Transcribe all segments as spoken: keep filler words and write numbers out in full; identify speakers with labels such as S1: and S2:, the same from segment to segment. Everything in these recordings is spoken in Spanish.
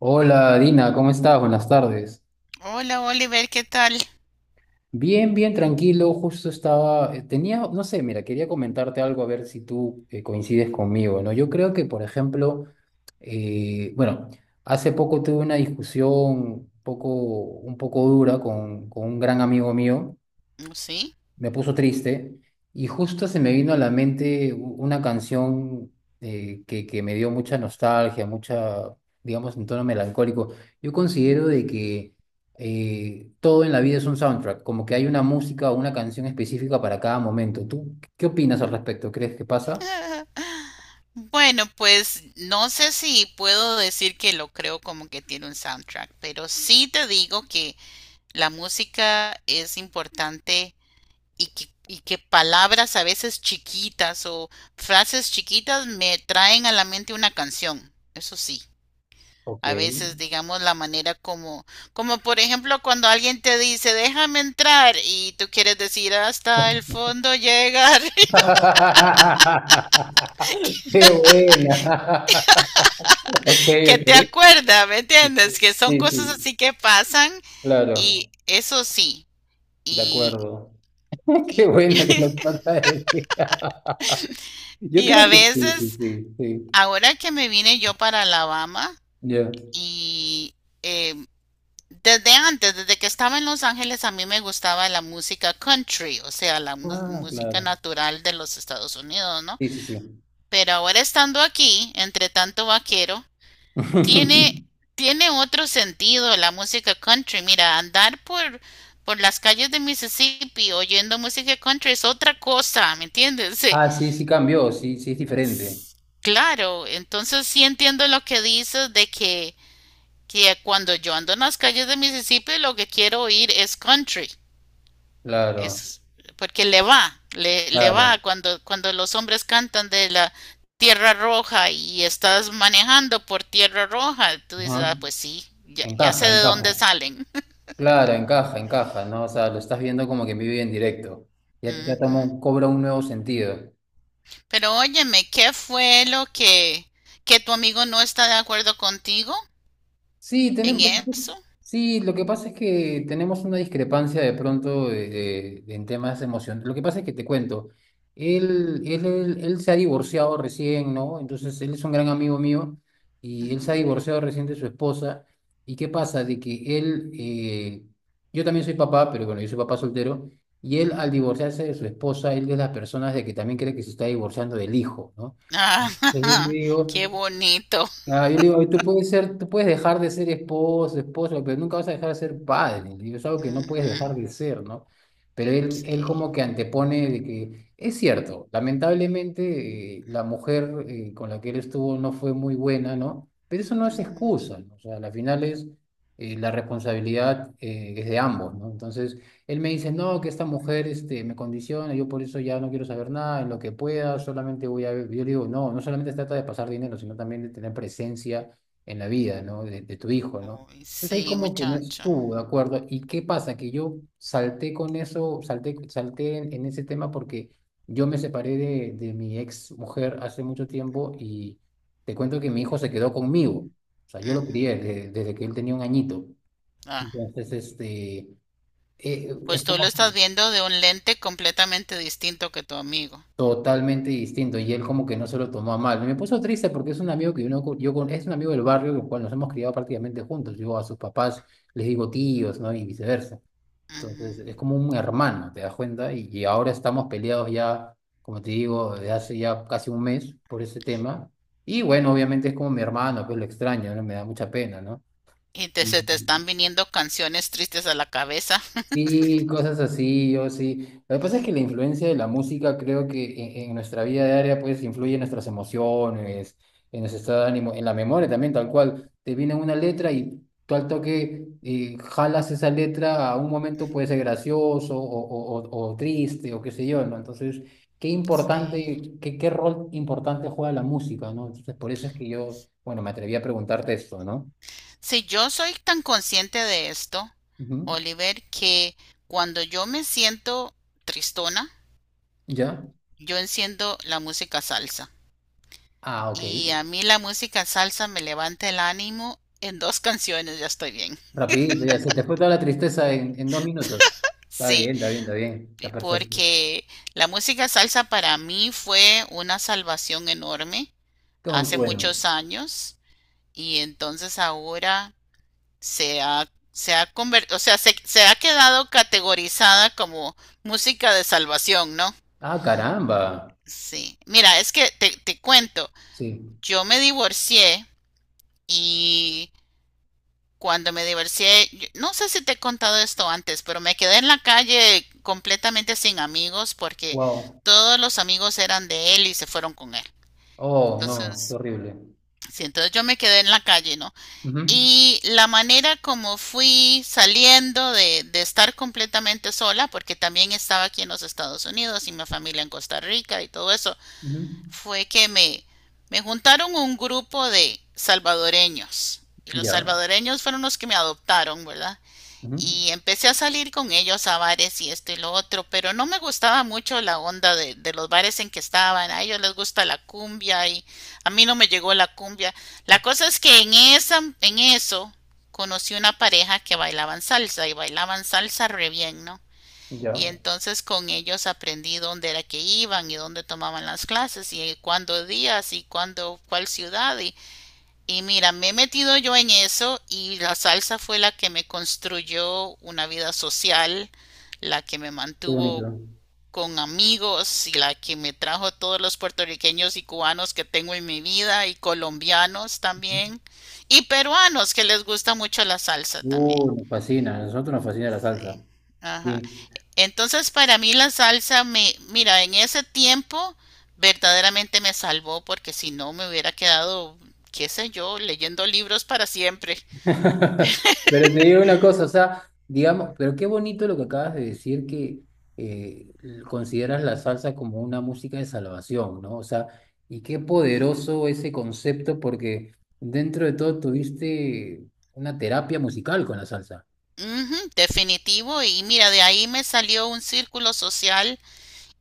S1: Hola Dina, ¿cómo estás? Buenas tardes.
S2: Hola Oliver, ¿qué tal?
S1: Bien, bien, tranquilo. Justo estaba, eh, tenía, no sé, mira, quería comentarte algo a ver si tú eh, coincides conmigo, ¿no? Yo creo que, por ejemplo, eh, bueno, hace poco tuve una discusión un poco, un poco dura con, con un gran amigo mío.
S2: Sí.
S1: Me puso triste y justo se me vino a la mente u- una canción eh, que, que me dio mucha nostalgia, mucha, digamos, en tono melancólico. Yo considero de que eh, todo en la vida es un soundtrack, como que hay una música o una canción específica para cada momento. ¿Tú qué opinas al respecto? ¿Crees que pasa?
S2: Bueno, pues no sé si puedo decir que lo creo como que tiene un soundtrack, pero sí te digo que la música es importante y que, y que palabras a veces chiquitas o frases chiquitas me traen a la mente una canción. Eso sí.
S1: Ok.
S2: A veces, digamos, la manera como, como por ejemplo cuando alguien te dice, déjame entrar y tú quieres decir hasta el fondo llegar.
S1: Qué buena. Ok,
S2: Que te
S1: ok.
S2: acuerda, ¿me entiendes? Que son
S1: Sí,
S2: cosas
S1: sí,
S2: así que pasan y
S1: claro,
S2: eso sí,
S1: de
S2: y,
S1: acuerdo. Qué
S2: y,
S1: buena que nos falta ese. Yo
S2: y
S1: creo
S2: a
S1: que sí, sí,
S2: veces,
S1: sí, sí.
S2: ahora que me vine yo para Alabama
S1: Ya.
S2: y eh, desde antes, desde que estaba en Los Ángeles, a mí me gustaba la música country, o sea, la mu-
S1: Ah,
S2: música
S1: claro.
S2: natural de los Estados Unidos, ¿no?
S1: Sí, sí, sí.
S2: Pero ahora estando aquí, entre tanto vaquero, Tiene, tiene otro sentido la música country. Mira, andar por, por las calles de Mississippi oyendo música country es otra cosa, ¿me entiendes? Sí,
S1: Ah, sí, sí cambió, sí, sí es diferente.
S2: claro, entonces sí entiendo lo que dices de que, que cuando yo ando en las calles de Mississippi lo que quiero oír es country.
S1: Claro,
S2: Es porque le va, le, le
S1: claro.
S2: va cuando, cuando los hombres cantan de la tierra roja y estás manejando por tierra roja, tú dices,
S1: Ajá.
S2: ah, pues sí, ya, ya sé
S1: Encaja,
S2: de
S1: encaja.
S2: dónde salen.
S1: Claro, encaja, encaja, ¿no? O sea, lo estás viendo como que en vivo y en directo. Ya, ya toma
S2: Ujú.
S1: un- cobra un nuevo sentido.
S2: Pero óyeme, ¿qué fue lo que, ¿que tu amigo no está de acuerdo contigo
S1: Sí,
S2: en
S1: tenemos,
S2: eso?
S1: sí, lo que pasa es que tenemos una discrepancia de pronto de- de- de- en temas de emoción. Lo que pasa es que te cuento, él, él, él, él se ha divorciado recién, ¿no? Entonces, él es un gran amigo mío y él se ha
S2: Ujú,
S1: divorciado recién de su esposa. ¿Y qué pasa? De que él, eh, yo también soy papá, pero bueno, yo soy papá soltero, y él al
S2: ujú.
S1: divorciarse de su esposa, él es de las personas de que también cree que se está divorciando del hijo, ¿no? Entonces, yo le
S2: Ah,
S1: digo...
S2: qué bonito.
S1: Ah, yo le digo, "Ay, tú puedes ser, tú puedes dejar de ser esposo, esposo, pero nunca vas a dejar de ser padre. Le digo, es algo que no puedes
S2: Ujú,
S1: dejar de ser, ¿no? Pero él, él
S2: sí.
S1: como que antepone de que es cierto, lamentablemente eh, la mujer eh, con la que él estuvo no fue muy buena, ¿no? Pero eso no es
S2: Ujú.
S1: excusa, ¿no? O sea, al final es eh, la responsabilidad eh, es de ambos, ¿no? Entonces, él me dice, no, que esta mujer este, me condiciona, yo por eso ya no quiero saber nada, en lo que pueda, solamente voy a... Yo le digo, no, no solamente se trata de pasar dinero, sino también de tener presencia en la vida, ¿no? De, de tu hijo, ¿no?
S2: Uy,
S1: Entonces ahí
S2: sí,
S1: como que no
S2: muchacho.
S1: estuvo, ¿de acuerdo? ¿Y qué pasa? Que yo salté con eso, salté, salté en, en ese tema porque yo me separé de, de mi ex mujer hace mucho tiempo y te cuento que mi hijo se quedó conmigo. O sea, yo lo
S2: Ujú.
S1: crié desde, desde que él tenía un añito.
S2: Ah,
S1: Entonces, este eh, es
S2: pues tú lo
S1: como
S2: estás
S1: que
S2: viendo de un lente completamente distinto que tu amigo.
S1: totalmente distinto y él como que no se lo tomó a mal. Me puso triste porque es un amigo que uno, co- yo con, es un amigo del barrio con el cual nos hemos criado prácticamente juntos. Yo a sus papás les digo tíos, ¿no? Y viceversa. Entonces
S2: Ujú.
S1: es como un hermano, ¿te das cuenta? Y, y ahora estamos peleados ya, como te digo, desde hace ya casi un mes por ese tema. Y bueno, obviamente es como mi hermano, pues lo extraño, ¿no? Me da mucha pena, ¿no?
S2: Y te, se te
S1: Ujú.
S2: están viniendo canciones tristes a la cabeza.
S1: Sí, cosas así, yo sí. Lo que pasa es que la influencia de la música creo que en, en nuestra vida diaria pues influye en nuestras emociones, en nuestro estado de ánimo, en la memoria también, tal cual. Te viene una letra y tú al toque eh, jalas esa letra a un momento, puede ser gracioso o, o- o- o triste o qué sé yo, ¿no? Entonces, qué
S2: Sí.
S1: importante, qué, qué rol importante juega la música, ¿no? Entonces, por eso es que yo, bueno, me atreví a preguntarte esto, ¿no?
S2: Si yo soy tan consciente de esto,
S1: Ujú.
S2: Oliver, que cuando yo me siento tristona,
S1: ¿Ya?
S2: yo enciendo la música salsa.
S1: Ah, ok.
S2: Y a mí la música salsa me levanta el ánimo en dos canciones, ya estoy bien.
S1: Rapidito, ya, se te fue toda la tristeza en, en dos minutos. Está
S2: Sí,
S1: bien, está bien, está bien, está perfecto.
S2: porque la música salsa para mí fue una salvación enorme
S1: Qué muy
S2: hace
S1: bueno.
S2: muchos años y entonces ahora se ha, se ha convertido, o sea, se, se ha quedado categorizada como música de salvación, ¿no?
S1: Ah, caramba.
S2: Sí. Mira, es que te, te cuento,
S1: Sí,
S2: yo me divorcié y cuando me divorcié, yo- no sé si te he contado esto antes, pero me quedé en la calle completamente sin amigos porque
S1: wow.
S2: todos los amigos eran de él y se fueron con él.
S1: Oh, no, qué
S2: Entonces,
S1: horrible.
S2: sí, entonces yo me quedé en la calle, ¿no?
S1: Ujú,
S2: Y la manera como fui saliendo de, de estar completamente sola, porque también estaba aquí en los Estados Unidos y mi familia en Costa Rica y todo eso,
S1: ujú.
S2: fue que me, me juntaron un grupo de salvadoreños. Y los
S1: Ya,
S2: salvadoreños fueron los que me adoptaron, ¿verdad?
S1: ujú,
S2: Y empecé a salir con ellos a bares y esto y lo otro, pero no me gustaba mucho la onda de, de los bares en que estaban. A ellos les gusta la cumbia y a mí no me llegó la cumbia. La cosa es que en esa, en eso conocí una pareja que bailaban salsa y bailaban salsa re bien, ¿no? Y
S1: ya.
S2: entonces con ellos aprendí dónde era que iban y dónde tomaban las clases y cuándo días y cuándo cuál ciudad y y mira, me he metido yo en eso y la salsa fue la que me construyó una vida social, la que me
S1: Qué
S2: mantuvo
S1: bonito.
S2: con amigos y la que me trajo todos los puertorriqueños y cubanos que tengo en mi vida y colombianos
S1: Ujú.
S2: también y peruanos que les gusta mucho la salsa
S1: Uh,
S2: también.
S1: nos fascina, a nosotros nos fascina la salsa.
S2: Sí. Ajá.
S1: Sí.
S2: Entonces para mí la salsa me, mira, en ese tiempo verdaderamente me salvó porque si no me hubiera quedado, qué sé yo, leyendo libros para siempre.
S1: Pero te digo una cosa, o sea, digamos, pero qué bonito lo que acabas de decir, que eh, consideras la salsa como una música de salvación, ¿no? O sea, y qué poderoso ese concepto, porque dentro de todo tuviste una terapia musical con la salsa.
S2: Ujú, definitivo. Y mira, de ahí me salió un círculo social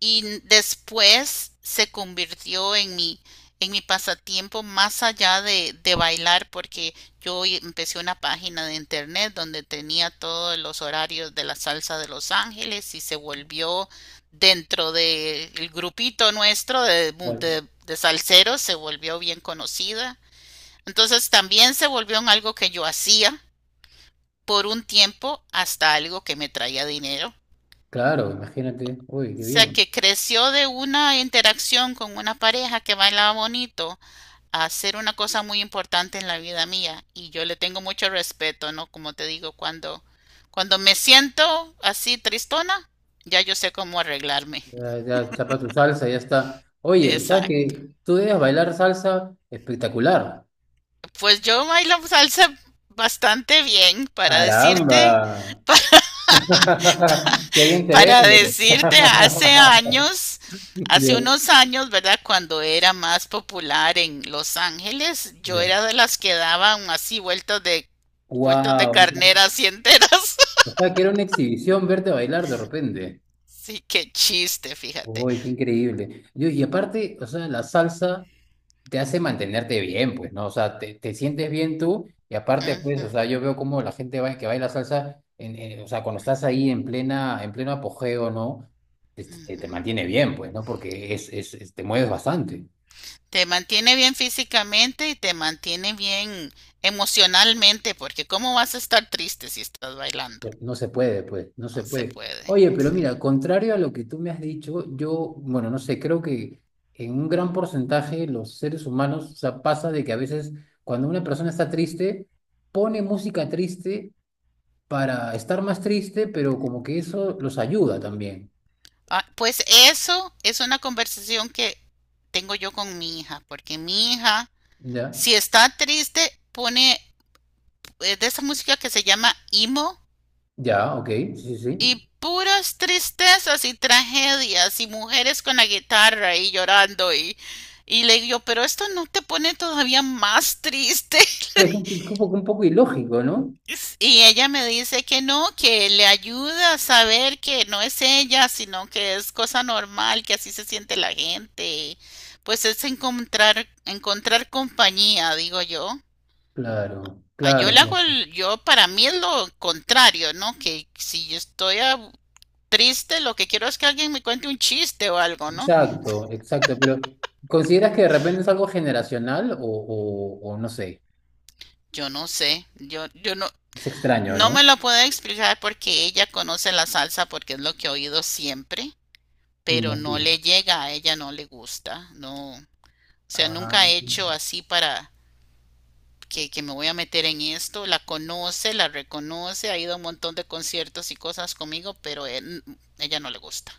S2: y n- después se convirtió en mi, en mi pasatiempo más allá de, de bailar, porque yo y- empecé una página de internet donde tenía todos los horarios de la salsa de Los Ángeles y se volvió dentro del grupito nuestro de, mu-
S1: Claro.
S2: de, de salseros, se volvió bien conocida. Entonces también se volvió en algo que yo hacía por un tiempo hasta algo que me traía dinero. O
S1: Claro, imagínate, uy, qué
S2: sea,
S1: bien.
S2: que creció de una interacción con una pareja que bailaba bonito a ser una cosa muy importante en la vida mía. Y yo le tengo mucho respeto, ¿no? Como te digo, cuando, cuando me siento así tristona, ya yo sé cómo arreglarme.
S1: Ya, ya chapa tu salsa, ya está. Oye, ¿sabes
S2: Exacto.
S1: que tú debes bailar salsa espectacular?
S2: Pues yo bailo salsa bastante bien para decirte,
S1: Caramba. Qué bien te
S2: para
S1: vende.
S2: decirte, hace años,
S1: Ya,
S2: hace unos años, ¿verdad? Cuando era más popular en Los Ángeles, yo
S1: ya.
S2: era de las que daban así vueltas de vueltas de
S1: Wow.
S2: carnera así enteras.
S1: O sea, que era una exhibición verte bailar de repente.
S2: Sí, qué chiste, fíjate.
S1: Uy, qué increíble. Yo- y aparte, o sea, la salsa te hace mantenerte bien, pues, ¿no? O sea, te, te sientes bien tú. Y aparte, pues, o
S2: Ujú,
S1: sea, yo veo cómo la gente va- que baila salsa, en, en- o sea, cuando estás ahí en plena, en pleno apogeo, ¿no? Te, te-
S2: ujú.
S1: te mantiene bien, pues, ¿no? Porque es, es, es- te mueves bastante.
S2: Te mantiene bien físicamente y te mantiene bien emocionalmente, porque ¿cómo vas a estar triste si estás bailando?
S1: No se puede, pues, no se
S2: No se
S1: puede.
S2: puede,
S1: Oye, pero
S2: sí.
S1: mira, contrario a lo que tú me has dicho, yo, bueno, no sé, creo que en un gran porcentaje los seres humanos, o sea, pasa de que a veces cuando una persona está triste, pone música triste para estar más triste, pero como que eso los ayuda también.
S2: Ah, pues eso es una conversación que tengo yo con mi hija, porque mi hija,
S1: Ya,
S2: si está triste, pone eh, de esa música que se llama emo
S1: ya, ok, sí, sí, sí.
S2: y puras tristezas y tragedias y mujeres con la guitarra y llorando y, y le digo, pero esto no te pone todavía más triste.
S1: Pues un, un poco, un poco ilógico, ¿no?
S2: Y ella me dice que no, que le ayuda a saber que no es ella, sino que es cosa normal, que así se siente la gente. Pues es encontrar, encontrar compañía, digo yo.
S1: Claro,
S2: Ah, yo
S1: claro,
S2: le hago
S1: claro.
S2: el, yo para mí es lo contrario, ¿no? Que si yo estoy ab- triste, lo que quiero es que alguien me cuente un chiste o algo, ¿no?
S1: Exacto, exacto, pero ¿consideras que de repente es algo generacional o, o o no sé?
S2: Yo no sé, yo, yo no,
S1: Es extraño,
S2: no
S1: ¿no?
S2: me lo puedo explicar porque ella conoce la salsa porque es lo que ha oído siempre,
S1: Y no
S2: pero no
S1: así.
S2: le llega, a ella no le gusta, no, o sea,
S1: Ah,
S2: nunca he hecho así para que, que me voy a meter en esto, la conoce, la reconoce, ha ido a un montón de conciertos y cosas conmigo, pero eh, n- ella no le gusta.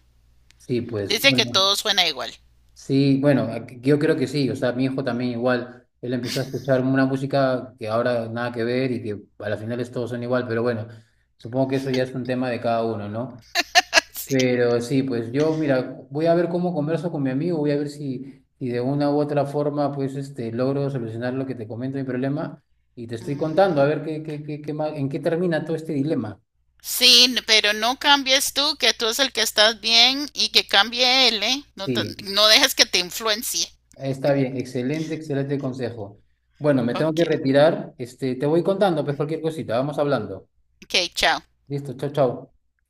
S1: sí, pues
S2: Dice que
S1: bueno,
S2: todo suena igual.
S1: sí, bueno, aquí- yo creo que sí, o sea, mi hijo también igual, él empezó a escuchar una música que ahora nada que ver y que a las finales todos son igual, pero bueno, supongo que eso ya es un tema de cada uno, ¿no?
S2: Sí.
S1: Pero sí, pues yo, mira, voy a ver cómo converso con mi amigo, voy a ver si, si de una u otra forma, pues, este, logro solucionar lo que te comento, mi problema, y te estoy contando, a
S2: Ujú.
S1: ver qué, qué, qué, qué más- en qué termina todo este dilema.
S2: Sí, n- pero no cambies tú, que tú es el que estás bien y que cambie él, ¿eh? No, te-
S1: Sí.
S2: no dejes que te influencie.
S1: Está bien, excelente, excelente consejo. Bueno, me tengo
S2: Ok.
S1: que retirar. Este, te voy contando, pues cualquier cosita, vamos hablando.
S2: Ok, chao.
S1: Listo, chao, chao.